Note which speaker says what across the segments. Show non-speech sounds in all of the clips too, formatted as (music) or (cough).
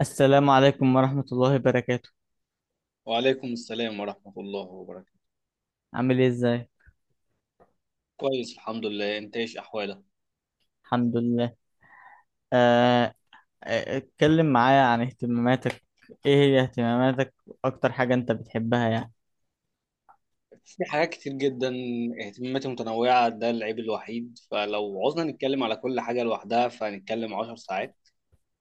Speaker 1: السلام عليكم ورحمة الله وبركاته.
Speaker 2: وعليكم السلام ورحمة الله وبركاته.
Speaker 1: عامل ايه ازاي؟
Speaker 2: كويس، الحمد لله، انت ايش احوالك؟
Speaker 1: الحمد لله. آه، اتكلم معايا عن اهتماماتك. ايه هي اهتماماتك؟ اكتر حاجة انت بتحبها يعني.
Speaker 2: في حاجات كتير جدا، اهتماماتي متنوعة، ده العيب الوحيد، فلو عوزنا نتكلم على كل حاجة لوحدها فهنتكلم 10 ساعات.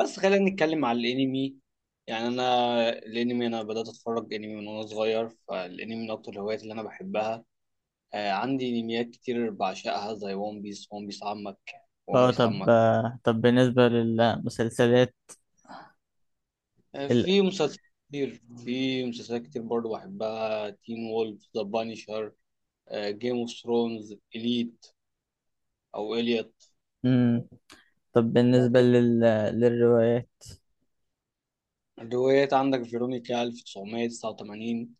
Speaker 2: بس خلينا نتكلم على الانمي. يعني انا بدأت اتفرج انمي من وانا صغير، فالانمي من اكتر الهوايات اللي انا بحبها. آه، عندي انميات كتير بعشقها زي ون بيس. ون بيس عمك، ون
Speaker 1: اه،
Speaker 2: بيس
Speaker 1: طب
Speaker 2: عمك.
Speaker 1: آه، طب بالنسبة للمسلسلات.
Speaker 2: آه،
Speaker 1: ال...
Speaker 2: في مسلسلات كتير برضه بحبها: تين وولف، ذا بانيشر، جيم اوف ثرونز، اليت او اليت
Speaker 1: مم. طب
Speaker 2: لو
Speaker 1: بالنسبة
Speaker 2: كده.
Speaker 1: للروايات.
Speaker 2: روايات: عندك فيرونيكا 1989،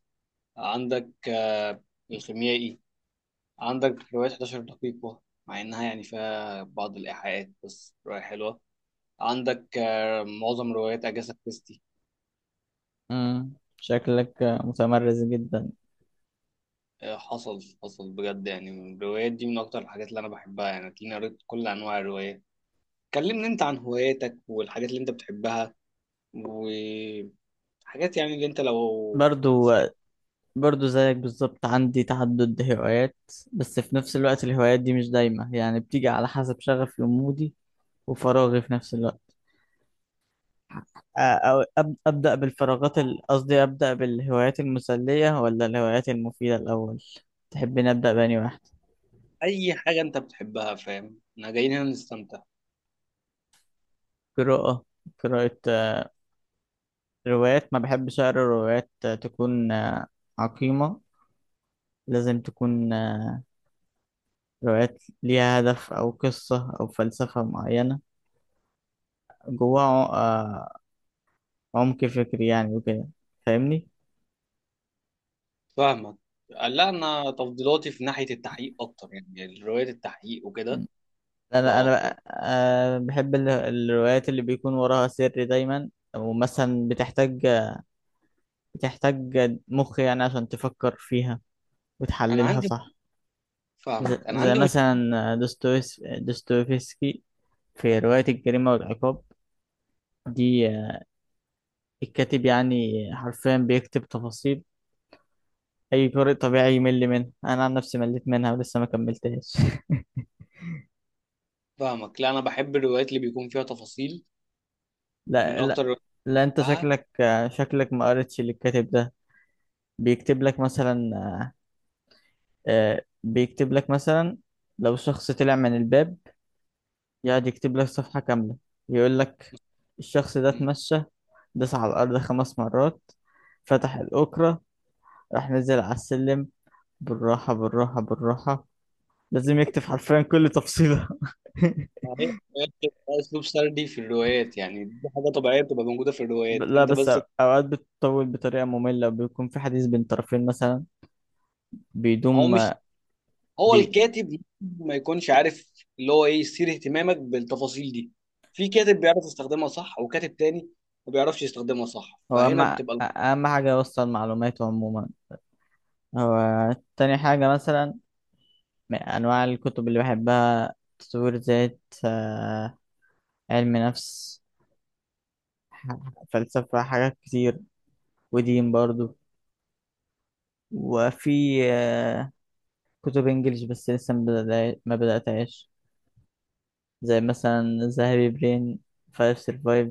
Speaker 2: عندك الخيميائي، عندك رواية 11 دقيقة، مع إنها يعني فيها بعض الإيحاءات بس رواية حلوة. عندك معظم روايات أجاثا كريستي.
Speaker 1: مم. شكلك متمرس جدا.
Speaker 2: حصل بجد، يعني الروايات دي من أكتر الحاجات اللي أنا بحبها، يعني تلاقيني قريت كل أنواع الروايات. كلمني أنت عن هواياتك والحاجات اللي أنت بتحبها، وحاجات يعني اللي أنت لو
Speaker 1: برضو
Speaker 2: في
Speaker 1: برضو زيك بالظبط، عندي تعدد هوايات. بس في نفس الوقت الهوايات دي مش دايمة، يعني بتيجي على حسب شغفي ومودي وفراغي في نفس الوقت. أو أبدأ قصدي أبدأ بالهوايات المسلية ولا الهوايات المفيدة الأول؟ تحبين أبدأ بأني واحد؟
Speaker 2: اي حاجه انت بتحبها، فاهم؟ احنا جايين هنا نستمتع.
Speaker 1: قراءة قراءة. روايات، ما بحبش أقرأ روايات تكون عقيمة. لازم تكون روايات ليها هدف أو قصة أو فلسفة معينة جواها عمق فكري يعني وكده. فاهمني؟
Speaker 2: فاهمك. لا، انا تفضيلاتي في ناحيه التحقيق اكتر، يعني روايه التحقيق وكده،
Speaker 1: م.
Speaker 2: ده اكتر.
Speaker 1: أنا بحب الروايات اللي بيكون وراها سر دايما، ومثلا بتحتاج مخ يعني عشان تفكر فيها
Speaker 2: انا
Speaker 1: وتحللها
Speaker 2: عندي
Speaker 1: صح.
Speaker 2: فاهمك، انا
Speaker 1: زي
Speaker 2: عندي مش
Speaker 1: مثلا دوستويفسكي في رواية الجريمة والعقاب. دي الكاتب يعني حرفيا بيكتب تفاصيل أي قارئ طبيعي يمل منها. أنا عن نفسي مليت منها ولسه ما كملتهاش (laughs)
Speaker 2: فاهمك. لا، انا بحب الروايات اللي بيكون فيها تفاصيل، من
Speaker 1: لا،
Speaker 2: اكتر
Speaker 1: لا،
Speaker 2: الروايات
Speaker 1: لا،
Speaker 2: اللي
Speaker 1: أنت
Speaker 2: بحبها.
Speaker 1: شكلك ما قريتش للكاتب ده. بيكتب لك مثلا آه، بيكتب لك مثلا لو شخص طلع من الباب، يقعد يكتب لك صفحة كاملة يقول لك الشخص ده
Speaker 2: مم.
Speaker 1: اتمشى، داس على الأرض خمس مرات، فتح الأوكرة، راح نزل على السلم بالراحة بالراحة بالراحة، لازم يكتب حرفيا كل تفصيلة (laughs)
Speaker 2: هي الروايات بتبقى اسلوب سردي في الروايات، يعني دي حاجه طبيعيه بتبقى موجوده في الروايات،
Speaker 1: لا،
Speaker 2: انت
Speaker 1: بس
Speaker 2: بس.
Speaker 1: أوقات بتطول بطريقة مملة، بيكون في حديث بين طرفين مثلا
Speaker 2: هو
Speaker 1: بيدوم.
Speaker 2: مش هو
Speaker 1: بي...
Speaker 2: الكاتب ممكن ما يكونش عارف اللي هو ايه يثير اهتمامك بالتفاصيل دي. في كاتب بيعرف يستخدمها صح وكاتب تاني ما بيعرفش يستخدمها صح،
Speaker 1: هو
Speaker 2: فهنا بتبقى.
Speaker 1: أهم حاجة يوصل معلوماته عموما. هو تاني حاجة مثلا من أنواع الكتب اللي بحبها تطوير ذات، آه، علم نفس، ح- فلسفة، حاجات كتير، ودين برضو. وفي كتب انجليش بس لسه ما بدأتهاش، زي مثلا ذا هابي برين، فايف سيرفايف.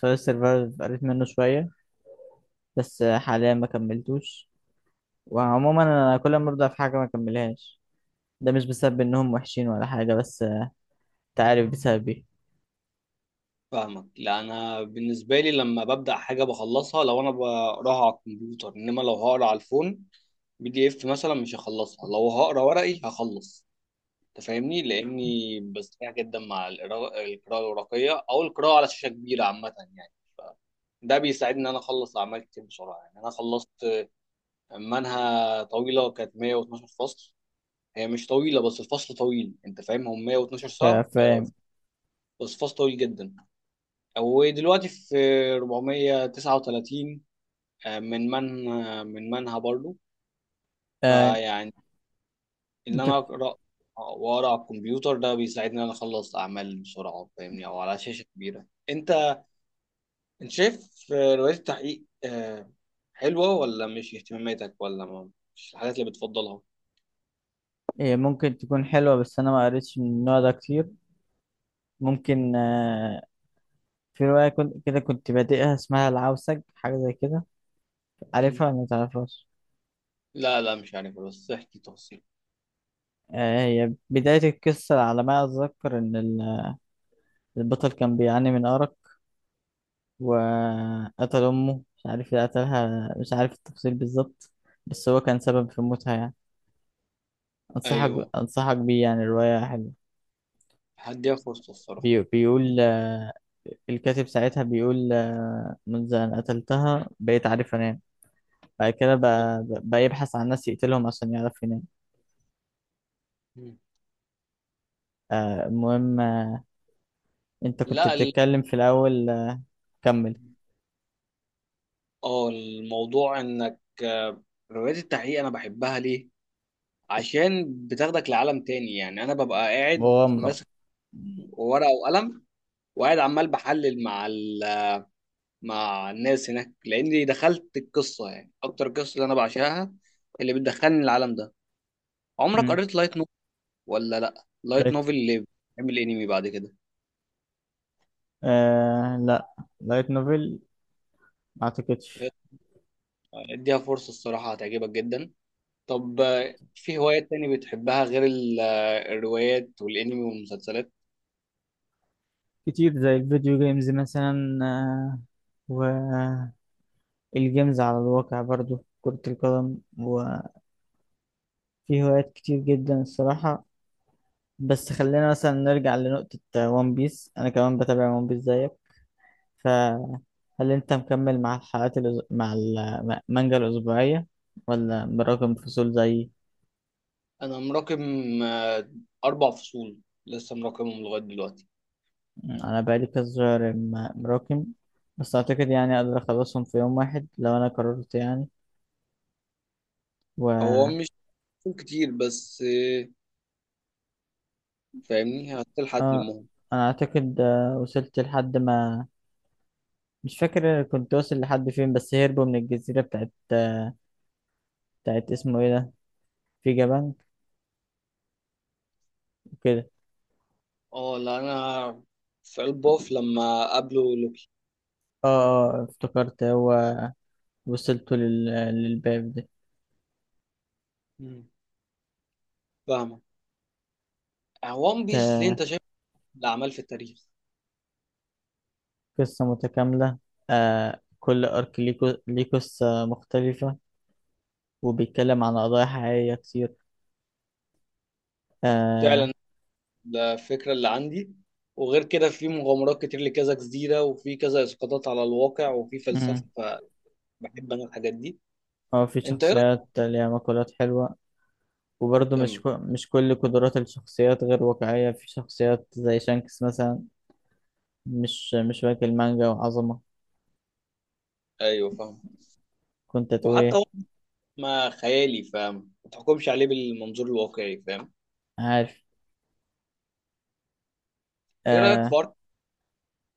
Speaker 1: فايف سيرفايف قريت منه شوية بس حاليا ما كملتوش. وعموما انا كل ما ابدأ في حاجة ما كملهاش، ده مش بسبب انهم وحشين ولا حاجة بس انت عارف بسبب ايه.
Speaker 2: فاهمك. لا، انا بالنسبه لي لما ببدا حاجه بخلصها. لو انا بقراها على الكمبيوتر انما لو هقرا على الفون، PDF مثلا، مش هخلصها. لو هقرا ورقي هخلص، انت فاهمني، لاني بستمتع جدا مع القراءه الورقيه او القراءه على شاشه كبيره عامه يعني. ف- ده بيساعدني ان انا اخلص اعمال كتير بسرعه، يعني انا خلصت منها طويلة كانت 112 فصل. هي مش طويلة بس الفصل طويل، انت فاهم، هم 112
Speaker 1: آه،
Speaker 2: ساعة.
Speaker 1: فاهم.
Speaker 2: بس فصل طويل جدا. ودلوقتي في 439، من منها برضو.
Speaker 1: آه،
Speaker 2: فيعني ان
Speaker 1: انت
Speaker 2: انا اقرا واقرا على الكمبيوتر، ده بيساعدني ان انا اخلص اعمال بسرعة، فاهمني، او على شاشة كبيرة. انت شايف روايات التحقيق حلوة ولا مش اهتماماتك ولا ما، مش الحاجات اللي بتفضلها؟
Speaker 1: هي ممكن تكون حلوة بس انا ما قريتش من النوع ده كتير. ممكن في رواية كنت بادئها اسمها العوسج، حاجة زي كده. عارفها
Speaker 2: مم.
Speaker 1: ولا ما تعرفهاش؟
Speaker 2: لا لا، مش عارف، بس احكي تفاصيل.
Speaker 1: هي بداية القصة على ما أتذكر إن البطل كان بيعاني من أرق، وقتل أمه. مش عارف اللي قتلها، مش عارف التفاصيل بالظبط، بس هو كان سبب في موتها يعني.
Speaker 2: ايوه،
Speaker 1: أنصحك بيه يعني، الرواية حلوة.
Speaker 2: حد ياخد فرصته الصراحه.
Speaker 1: بيقول الكاتب ساعتها بيقول منذ أن قتلتها بقيت عارف أنام. بعد كده بقى يبحث عن ناس يقتلهم عشان يعرف ينام.
Speaker 2: مم.
Speaker 1: المهم، أنت كنت
Speaker 2: لا،
Speaker 1: بتتكلم في الأول. كمل.
Speaker 2: اه الموضوع انك روايات التحقيق انا بحبها ليه؟ عشان بتاخدك لعالم تاني، يعني انا ببقى قاعد
Speaker 1: مغامرة.
Speaker 2: ماسك ورقه وقلم، وقاعد عمال بحلل مع مع الناس هناك، لاني دخلت القصه. يعني اكتر قصه اللي انا بعشقها اللي بتدخلني العالم ده. عمرك
Speaker 1: مم.
Speaker 2: قريت لايت نوفل ولا لا؟ لايت
Speaker 1: لايت
Speaker 2: نوفل اللي بيعمل انمي بعد كده،
Speaker 1: آه، لا، لايت نوفل ما اعتقدش.
Speaker 2: اديها فرصه الصراحه هتعجبك جدا. طب في هوايات تاني بتحبها غير الروايات والانمي والمسلسلات؟
Speaker 1: كتير، زي الفيديو جيمز مثلا، والجيمز على الواقع برضو كرة القدم، وفي هوايات كتير جدا الصراحة. بس خلينا مثلا نرجع لنقطة ون بيس، أنا كمان بتابع ون بيس زيك. فهل أنت مكمل مع الحلقات مع المانجا الأسبوعية ولا براكم فصول زيي؟
Speaker 2: انا مراكم آه، 4 فصول، لسه مراكمهم لغايه دلوقتي.
Speaker 1: انا بقالي كذا شهر مراكم، بس اعتقد يعني اقدر اخلصهم في يوم واحد لو انا قررت يعني.
Speaker 2: هو
Speaker 1: و
Speaker 2: مش فصول كتير بس فاهمني هتلحق
Speaker 1: اه،
Speaker 2: تلمهم.
Speaker 1: انا اعتقد وصلت لحد ما، مش فاكر كنت واصل لحد فين، بس هربوا من الجزيرة بتاعت، اسمه ايه ده، في جبان وكده.
Speaker 2: اه، لا انا في البوف لما قابله لوكي.
Speaker 1: اه، اه، افتكرت، هو وصلت للباب ده.
Speaker 2: مم. فاهمة. وان
Speaker 1: ت-
Speaker 2: بيس ليه انت شايف الأعمال في التاريخ؟
Speaker 1: قصة متكاملة، آه، كل ارك ليه ليه قصة مختلفة، وبيتكلم عن قضايا حقيقية كتير،
Speaker 2: فعلا،
Speaker 1: آه.
Speaker 2: ده الفكرة اللي عندي، وغير كده في مغامرات كتير لكذا جزيرة، وفي كذا إسقاطات على الواقع وفي فلسفة، فبحب أنا الحاجات دي.
Speaker 1: اه، في
Speaker 2: انت ايه رايك؟
Speaker 1: شخصيات ليها مقولات حلوة، وبرضه مش
Speaker 2: كمل.
Speaker 1: مش كل قدرات الشخصيات غير واقعية، في شخصيات زي شانكس مثلا مش واكل مانجا وعظمة.
Speaker 2: ايوه فاهم.
Speaker 1: كنت تقول
Speaker 2: وحتى
Speaker 1: ايه؟
Speaker 2: هو ما خيالي، فاهم، ما تحكمش عليه بالمنظور الواقعي، فاهم.
Speaker 1: عارف.
Speaker 2: ايه رايك في
Speaker 1: آه.
Speaker 2: ارض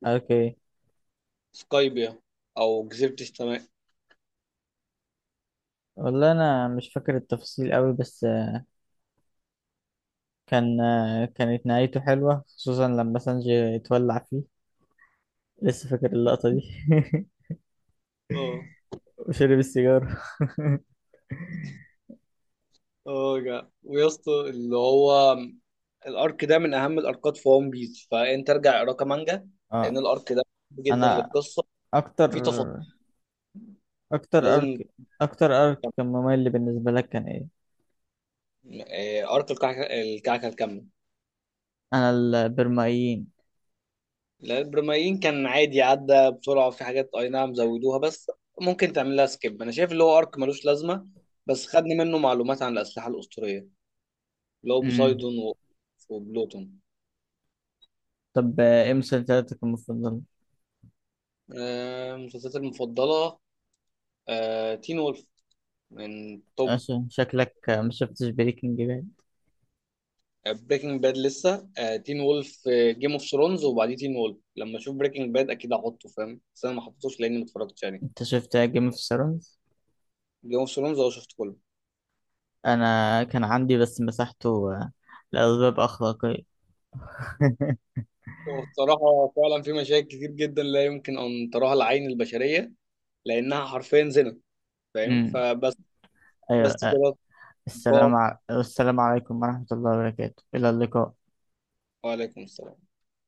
Speaker 1: اوكي.
Speaker 2: سكايبيا او جزيره السماء؟
Speaker 1: والله انا مش فاكر التفاصيل قوي، بس كانت نهايته حلوة خصوصا لما سانجي اتولع فيه، لسه فاكر اللقطة دي (laughs)
Speaker 2: اه.
Speaker 1: وشرب السيجارة
Speaker 2: اه، جا ويا اسطى اللي هو الارك ده من اهم الاركات في ون بيس، فانت ارجع اقرا مانجا،
Speaker 1: (laughs)
Speaker 2: لان
Speaker 1: اه.
Speaker 2: الارك ده مهم جدا
Speaker 1: انا
Speaker 2: للقصه،
Speaker 1: اكتر
Speaker 2: في تفاصيل
Speaker 1: اكتر
Speaker 2: لازم
Speaker 1: ارك اكتر ارك كان
Speaker 2: تفهم.
Speaker 1: ممل بالنسبة لك كان ايه؟
Speaker 2: ارك الكعكه الكامله.
Speaker 1: انا البرمائيين.
Speaker 2: لا، البرمائيين كان عادي، عدى بسرعة، في حاجات أي نعم زودوها بس ممكن تعمل لها سكيب، أنا شايف اللي هو أرك ملوش لازمة، بس خدني منه معلومات عن الأسلحة الأسطورية اللي هو
Speaker 1: امم
Speaker 2: بوسايدون وبلوتون.
Speaker 1: طب، ايه مسلسلاتك المفضلة؟
Speaker 2: مسلسلاتي المفضلة: تين وولف من توب.
Speaker 1: عشان شكلك ما شفتش بريكنج باد.
Speaker 2: بريكنج باد لسه. تين وولف، جيم اوف ثرونز، وبعديه تين وولف. لما أشوف بريكنج باد أكيد هحطه، فاهم، بس أنا ما حطيتوش لأني ما اتفرجتش يعني.
Speaker 1: انت شفت جيم اوف ثرونز؟
Speaker 2: جيم اوف ثرونز أه شفته كله.
Speaker 1: انا كان عندي بس مسحته لأسباب أخلاقية (laughs)
Speaker 2: وبصراحة فعلا في مشاكل كتير جدا لا يمكن أن تراها العين البشرية، لأنها حرفيا زنا، فاهم،
Speaker 1: امم.
Speaker 2: فبس.
Speaker 1: ايوه.
Speaker 2: بس كده. لقاء.
Speaker 1: السلام السلام عليكم ورحمة الله وبركاته، إلى اللقاء.
Speaker 2: وعليكم السلام.